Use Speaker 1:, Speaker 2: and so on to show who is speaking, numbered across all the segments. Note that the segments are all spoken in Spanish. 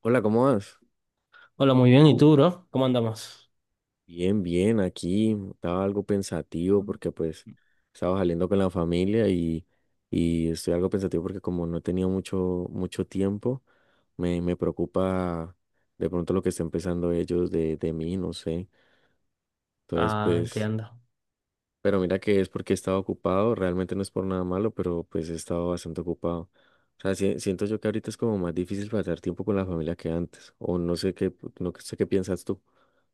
Speaker 1: Hola, ¿cómo vas?
Speaker 2: Hola, muy bien. ¿Y tú, bro? ¿Cómo andamos?
Speaker 1: Bien, bien, aquí estaba algo pensativo porque pues estaba saliendo con la familia y estoy algo pensativo porque como no he tenido mucho, mucho tiempo, me preocupa de pronto lo que estén pensando ellos de mí, no sé. Entonces
Speaker 2: Ah,
Speaker 1: pues,
Speaker 2: entiendo.
Speaker 1: pero mira que es porque he estado ocupado, realmente no es por nada malo, pero pues he estado bastante ocupado. O sea, siento yo que ahorita es como más difícil pasar tiempo con la familia que antes, o no sé qué, no sé qué piensas tú.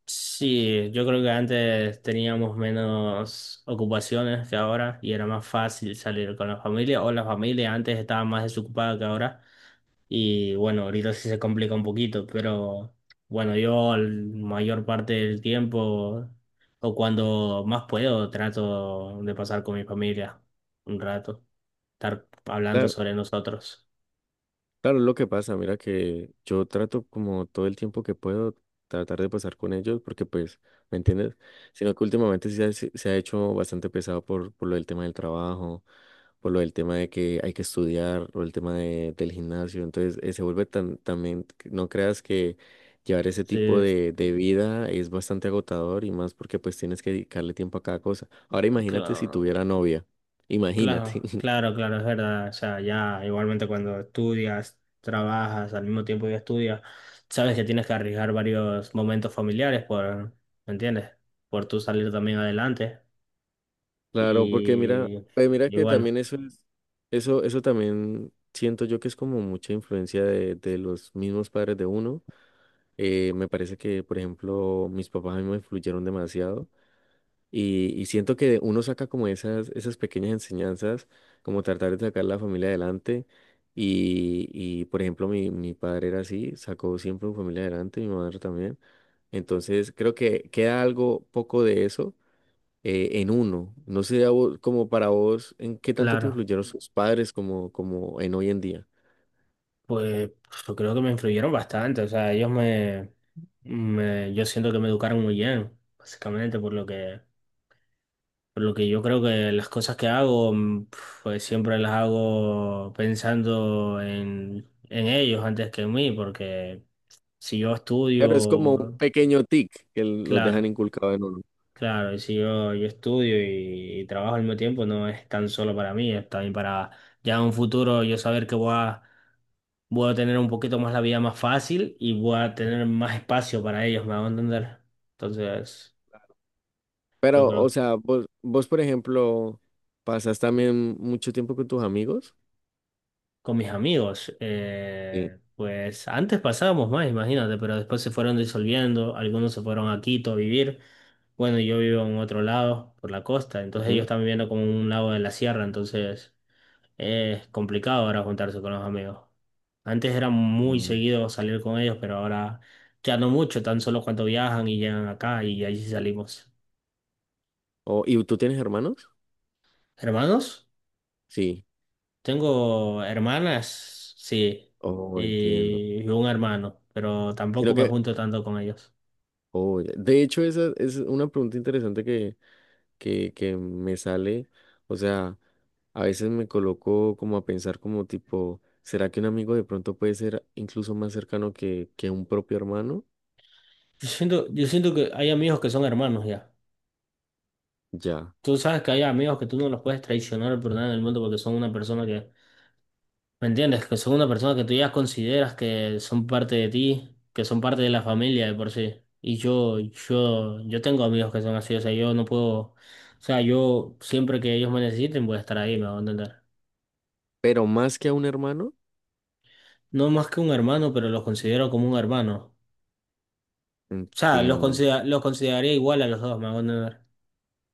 Speaker 2: Sí, yo creo que antes teníamos menos ocupaciones que ahora y era más fácil salir con la familia o la familia antes estaba más desocupada que ahora y bueno, ahorita sí se complica un poquito, pero bueno, yo la mayor parte del tiempo o cuando más puedo trato de pasar con mi familia un rato, estar hablando sobre nosotros.
Speaker 1: Claro, es lo que pasa, mira que yo trato como todo el tiempo que puedo tratar de pasar con ellos, porque pues, ¿me entiendes? Sino que últimamente sí se ha hecho bastante pesado por lo del tema del trabajo, por lo del tema de que hay que estudiar, o el tema del gimnasio, entonces se vuelve tan, también, que no creas que llevar ese tipo
Speaker 2: Sí,
Speaker 1: de vida es bastante agotador y más porque pues tienes que dedicarle tiempo a cada cosa. Ahora imagínate si
Speaker 2: claro.
Speaker 1: tuviera novia, imagínate.
Speaker 2: Claro, claro, claro, es verdad. O sea, ya igualmente cuando estudias, trabajas, al mismo tiempo que estudias, sabes que tienes que arriesgar varios momentos familiares por, ¿me entiendes? Por tú salir también adelante.
Speaker 1: Claro, porque mira,
Speaker 2: Y,
Speaker 1: pues mira
Speaker 2: y
Speaker 1: que
Speaker 2: bueno,
Speaker 1: también eso es, eso también siento yo que es como mucha influencia de los mismos padres de uno. Me parece que, por ejemplo, mis papás a mí me influyeron demasiado y siento que uno saca como esas, esas pequeñas enseñanzas, como tratar de sacar la familia adelante. Y por ejemplo, mi padre era así, sacó siempre su familia adelante, mi madre también. Entonces, creo que queda algo poco de eso en uno. No sé, como para vos, ¿en qué tanto te
Speaker 2: claro,
Speaker 1: influyeron sus padres como, como en hoy en día?
Speaker 2: pues yo creo que me influyeron bastante. O sea, ellos yo siento que me educaron muy bien, básicamente por lo que yo creo que las cosas que hago, pues siempre las hago pensando en ellos antes que en mí, porque si yo
Speaker 1: Claro, es como un
Speaker 2: estudio,
Speaker 1: pequeño tic que los dejan
Speaker 2: claro,
Speaker 1: inculcado en uno.
Speaker 2: claro, y si yo estudio y trabajo al mismo tiempo, no es tan solo para mí, es también para ya en un futuro yo saber que voy a tener un poquito más la vida más fácil y voy a tener más espacio para ellos, me hago entender. Entonces, yo
Speaker 1: Pero, o
Speaker 2: creo.
Speaker 1: sea, vos, por ejemplo, ¿pasas también mucho tiempo con tus amigos?
Speaker 2: Con mis amigos,
Speaker 1: Sí.
Speaker 2: pues antes pasábamos más, imagínate, pero después se fueron disolviendo, algunos se fueron a Quito a vivir. Bueno, yo vivo en otro lado, por la costa, entonces ellos
Speaker 1: Ujú.
Speaker 2: están viviendo como en un lado de la sierra, entonces es complicado ahora juntarse con los amigos. Antes era muy
Speaker 1: Mm.
Speaker 2: seguido salir con ellos, pero ahora ya no mucho, tan solo cuando viajan y llegan acá y ahí sí salimos.
Speaker 1: Oh, ¿y tú tienes hermanos?
Speaker 2: ¿Hermanos?
Speaker 1: Sí.
Speaker 2: Tengo hermanas, sí,
Speaker 1: Oh, entiendo.
Speaker 2: y un hermano, pero tampoco
Speaker 1: Sino
Speaker 2: me
Speaker 1: que,
Speaker 2: junto tanto con ellos.
Speaker 1: oh, ya. De hecho, esa es una pregunta interesante que que me sale, o sea, a veces me coloco como a pensar como tipo, ¿será que un amigo de pronto puede ser incluso más cercano que un propio hermano?
Speaker 2: Yo siento que hay amigos que son hermanos ya.
Speaker 1: Ya,
Speaker 2: Tú sabes que hay amigos que tú no los puedes traicionar por nada en el mundo porque son una persona que, ¿me entiendes? Que son una persona que tú ya consideras que son parte de ti, que son parte de la familia de por sí. Y yo tengo amigos que son así, o sea, yo no puedo, o sea, yo siempre que ellos me necesiten voy a estar ahí, me voy a entender.
Speaker 1: pero más que a un hermano,
Speaker 2: No más que un hermano, pero los considero como un hermano. O sea,
Speaker 1: entiendo,
Speaker 2: los consideraría igual a los dos, me hago entender.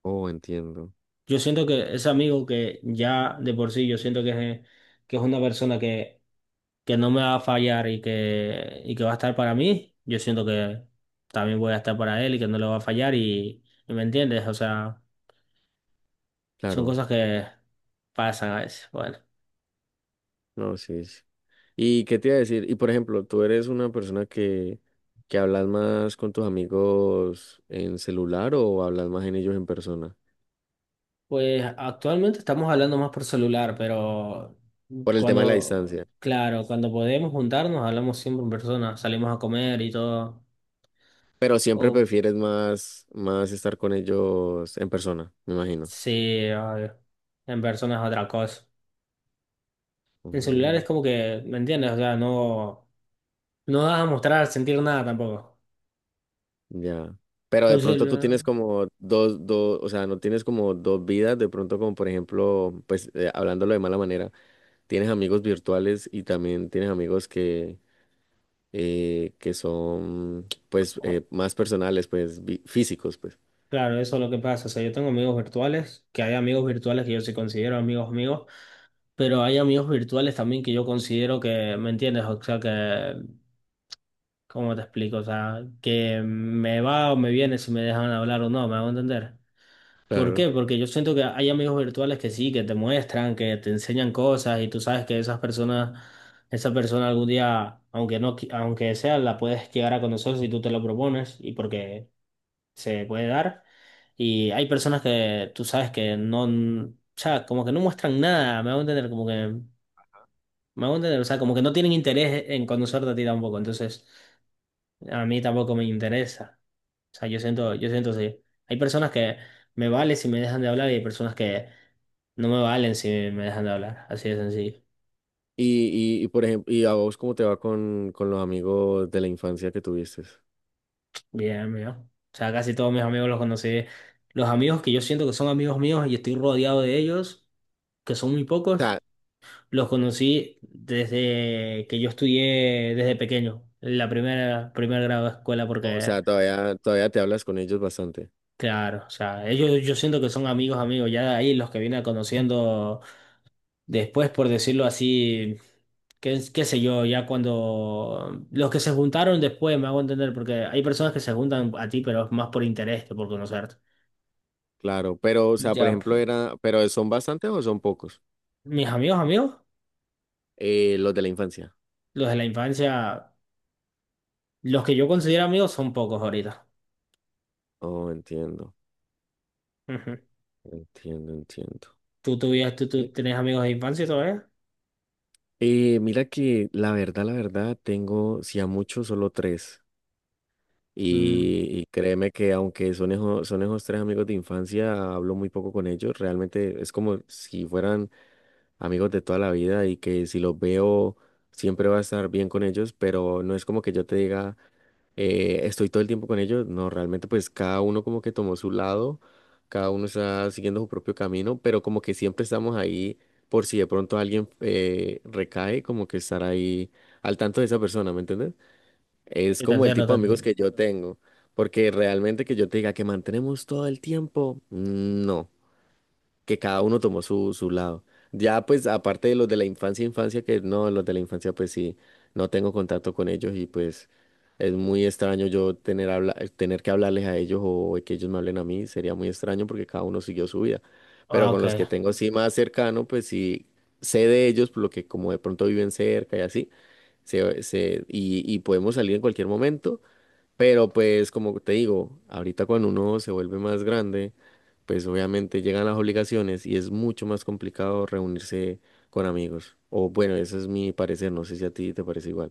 Speaker 1: oh, entiendo,
Speaker 2: Yo siento que ese amigo que ya de por sí yo siento que es una persona que no me va a fallar y que va a estar para mí, yo siento que también voy a estar para él y que no le va a fallar y me entiendes, o sea, son
Speaker 1: claro,
Speaker 2: cosas que pasan a veces. Bueno,
Speaker 1: no, sí, sí. ¿Y qué te iba a decir? Y por ejemplo, tú eres una persona que hablas más con tus amigos en celular o hablas más en ellos en persona,
Speaker 2: pues actualmente estamos hablando más por celular, pero
Speaker 1: por el tema de la
Speaker 2: cuando,
Speaker 1: distancia.
Speaker 2: claro, cuando podemos juntarnos hablamos siempre en persona, salimos a comer y todo.
Speaker 1: Pero siempre
Speaker 2: O
Speaker 1: prefieres más, más estar con ellos en persona, me imagino.
Speaker 2: Sí, obvio. En personas otra cosa. En celular es
Speaker 1: Mm,
Speaker 2: como que, ¿me entiendes? O sea, no, no vas a mostrar, sentir nada tampoco.
Speaker 1: ya. Pero
Speaker 2: Por
Speaker 1: de pronto
Speaker 2: celu-
Speaker 1: tú tienes como dos, dos, o sea, no tienes como dos vidas, de pronto como por ejemplo, pues hablándolo de mala manera, tienes amigos virtuales y también tienes amigos que son pues más personales, pues físicos, pues.
Speaker 2: claro, eso es lo que pasa. O sea, yo tengo amigos virtuales, que hay amigos virtuales que yo sí considero amigos míos, pero hay amigos virtuales también que yo considero que, ¿me entiendes? O sea, que, ¿cómo te explico? O sea, que me va o me viene si me dejan hablar o no, ¿me hago entender? ¿Por
Speaker 1: Claro.
Speaker 2: qué? Porque yo siento que hay amigos virtuales que sí, que te muestran, que te enseñan cosas y tú sabes que esas personas, esa persona algún día, aunque no, aunque sea, la puedes llegar a conocer si tú te lo propones y porque se puede dar. Y hay personas que tú sabes que no, o sea, como que no muestran nada, me hago entender, como que, me hago entender, o sea, como que no tienen interés en conocerte a ti tampoco, entonces a mí tampoco me interesa. O sea, yo siento así. Hay personas que me valen si me dejan de hablar y hay personas que no me valen si me dejan de hablar. Así de sencillo.
Speaker 1: Y por ejemplo, ¿y a vos cómo te va con los amigos de la infancia que tuviste? O
Speaker 2: Bien, amigo. O sea, casi todos mis amigos los conocí. Los amigos que yo siento que son amigos míos y estoy rodeado de ellos, que son muy
Speaker 1: sea,
Speaker 2: pocos, los conocí desde que yo estudié desde pequeño, en primer grado de escuela,
Speaker 1: o
Speaker 2: porque,
Speaker 1: sea, todavía, todavía te hablas con ellos bastante.
Speaker 2: claro, o sea, ellos yo siento que son amigos, amigos. Ya de ahí los que vine conociendo. Después, por decirlo así, qué sé yo, ya cuando los que se juntaron después me hago entender, porque hay personas que se juntan a ti, pero es más por interés que por conocerte.
Speaker 1: Claro, pero, o sea, por
Speaker 2: Ya.
Speaker 1: ejemplo, era, pero ¿son bastantes o son pocos?
Speaker 2: Mis amigos, amigos,
Speaker 1: Los de la infancia.
Speaker 2: los de la infancia, los que yo considero amigos son pocos ahorita.
Speaker 1: Oh, entiendo,
Speaker 2: Ujú.
Speaker 1: entiendo, entiendo.
Speaker 2: ¿Tú tuvías tú,
Speaker 1: Eh,
Speaker 2: tú tenés amigos de infancia todavía?
Speaker 1: Mira que la verdad, tengo, si a mucho, solo tres.
Speaker 2: Mm,
Speaker 1: Y créeme que aunque son esos tres amigos de infancia, hablo muy poco con ellos. Realmente es como si fueran amigos de toda la vida y que si los veo, siempre va a estar bien con ellos, pero no es como que yo te diga. Estoy todo el tiempo con ellos. No, realmente pues cada uno como que tomó su lado, cada uno está siguiendo su propio camino, pero como que siempre estamos ahí por si de pronto alguien recae, como que estar ahí al tanto de esa persona, ¿me entiendes? Es
Speaker 2: yo te
Speaker 1: como el
Speaker 2: entiendo,
Speaker 1: tipo
Speaker 2: te
Speaker 1: de amigos
Speaker 2: entiendo.
Speaker 1: que yo tengo, porque realmente que yo te diga que mantenemos todo el tiempo, no, que cada uno tomó su lado. Ya pues aparte de los de la infancia, infancia, que no, los de la infancia pues sí, no tengo contacto con ellos y pues es muy extraño yo tener, habla tener que hablarles a ellos o que ellos me hablen a mí, sería muy extraño porque cada uno siguió su vida.
Speaker 2: Ah,
Speaker 1: Pero con
Speaker 2: ok.
Speaker 1: los que tengo sí más cercano, pues sí sé de ellos, por lo que como de pronto viven cerca y así, y podemos salir en cualquier momento. Pero pues como te digo, ahorita cuando uno se vuelve más grande, pues obviamente llegan las obligaciones y es mucho más complicado reunirse con amigos. O bueno, ese es mi parecer, no sé si a ti te parece igual.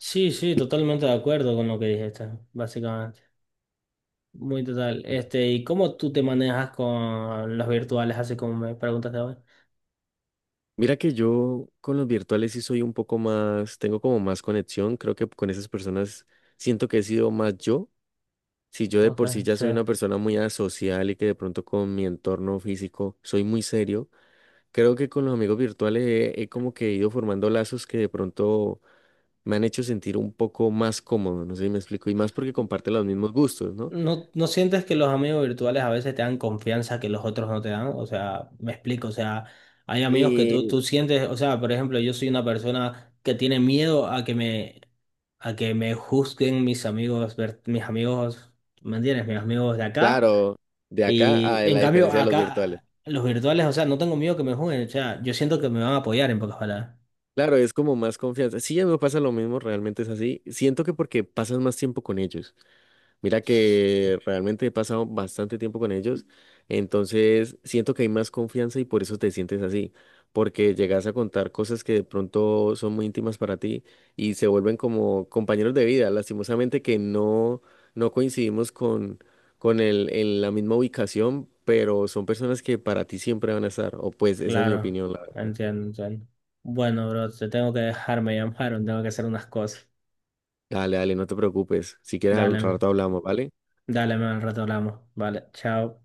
Speaker 2: Sí, sí, totalmente de acuerdo con lo que dijiste, básicamente. Muy total. Este, ¿y cómo tú te manejas con los virtuales, así como me preguntaste ahora?
Speaker 1: Mira que yo con los virtuales sí soy un poco más, tengo como más conexión, creo que con esas personas siento que he sido más yo. Si yo de
Speaker 2: Ok,
Speaker 1: por sí ya
Speaker 2: sí.
Speaker 1: soy una persona muy asocial y que de pronto con mi entorno físico soy muy serio, creo que con los amigos virtuales he como que ido formando lazos que de pronto me han hecho sentir un poco más cómodo, no sé si me explico, y más porque comparte los mismos gustos, ¿no?
Speaker 2: ¿No, no sientes que los amigos virtuales a veces te dan confianza que los otros no te dan? O sea, me explico, o sea, hay amigos que tú,
Speaker 1: Y
Speaker 2: tú sientes, o sea, por ejemplo, yo soy una persona que tiene miedo a que me juzguen mis amigos, mis amigos, ¿me entiendes? Mis amigos de acá.
Speaker 1: claro, de acá
Speaker 2: Y
Speaker 1: a
Speaker 2: en
Speaker 1: la
Speaker 2: cambio,
Speaker 1: diferencia de los virtuales.
Speaker 2: acá, los virtuales, o sea, no tengo miedo que me juzguen, o sea, yo siento que me van a apoyar en pocas palabras.
Speaker 1: Claro, es como más confianza. Sí, a mí me pasa lo mismo, realmente es así. Siento que porque pasas más tiempo con ellos. Mira que realmente he pasado bastante tiempo con ellos, entonces siento que hay más confianza y por eso te sientes así, porque llegas a contar cosas que de pronto son muy íntimas para ti y se vuelven como compañeros de vida. Lastimosamente que no, no coincidimos con el, en la misma ubicación, pero son personas que para ti siempre van a estar, o pues esa es mi
Speaker 2: Claro,
Speaker 1: opinión, la verdad.
Speaker 2: entiendo, entiendo. Bueno, bro, te tengo que dejar, me llamaron, tengo que hacer unas cosas.
Speaker 1: Dale, dale, no te preocupes. Si quieres al
Speaker 2: Dale,
Speaker 1: rato hablamos, ¿vale?
Speaker 2: dale, man, al rato hablamos. Vale, chao.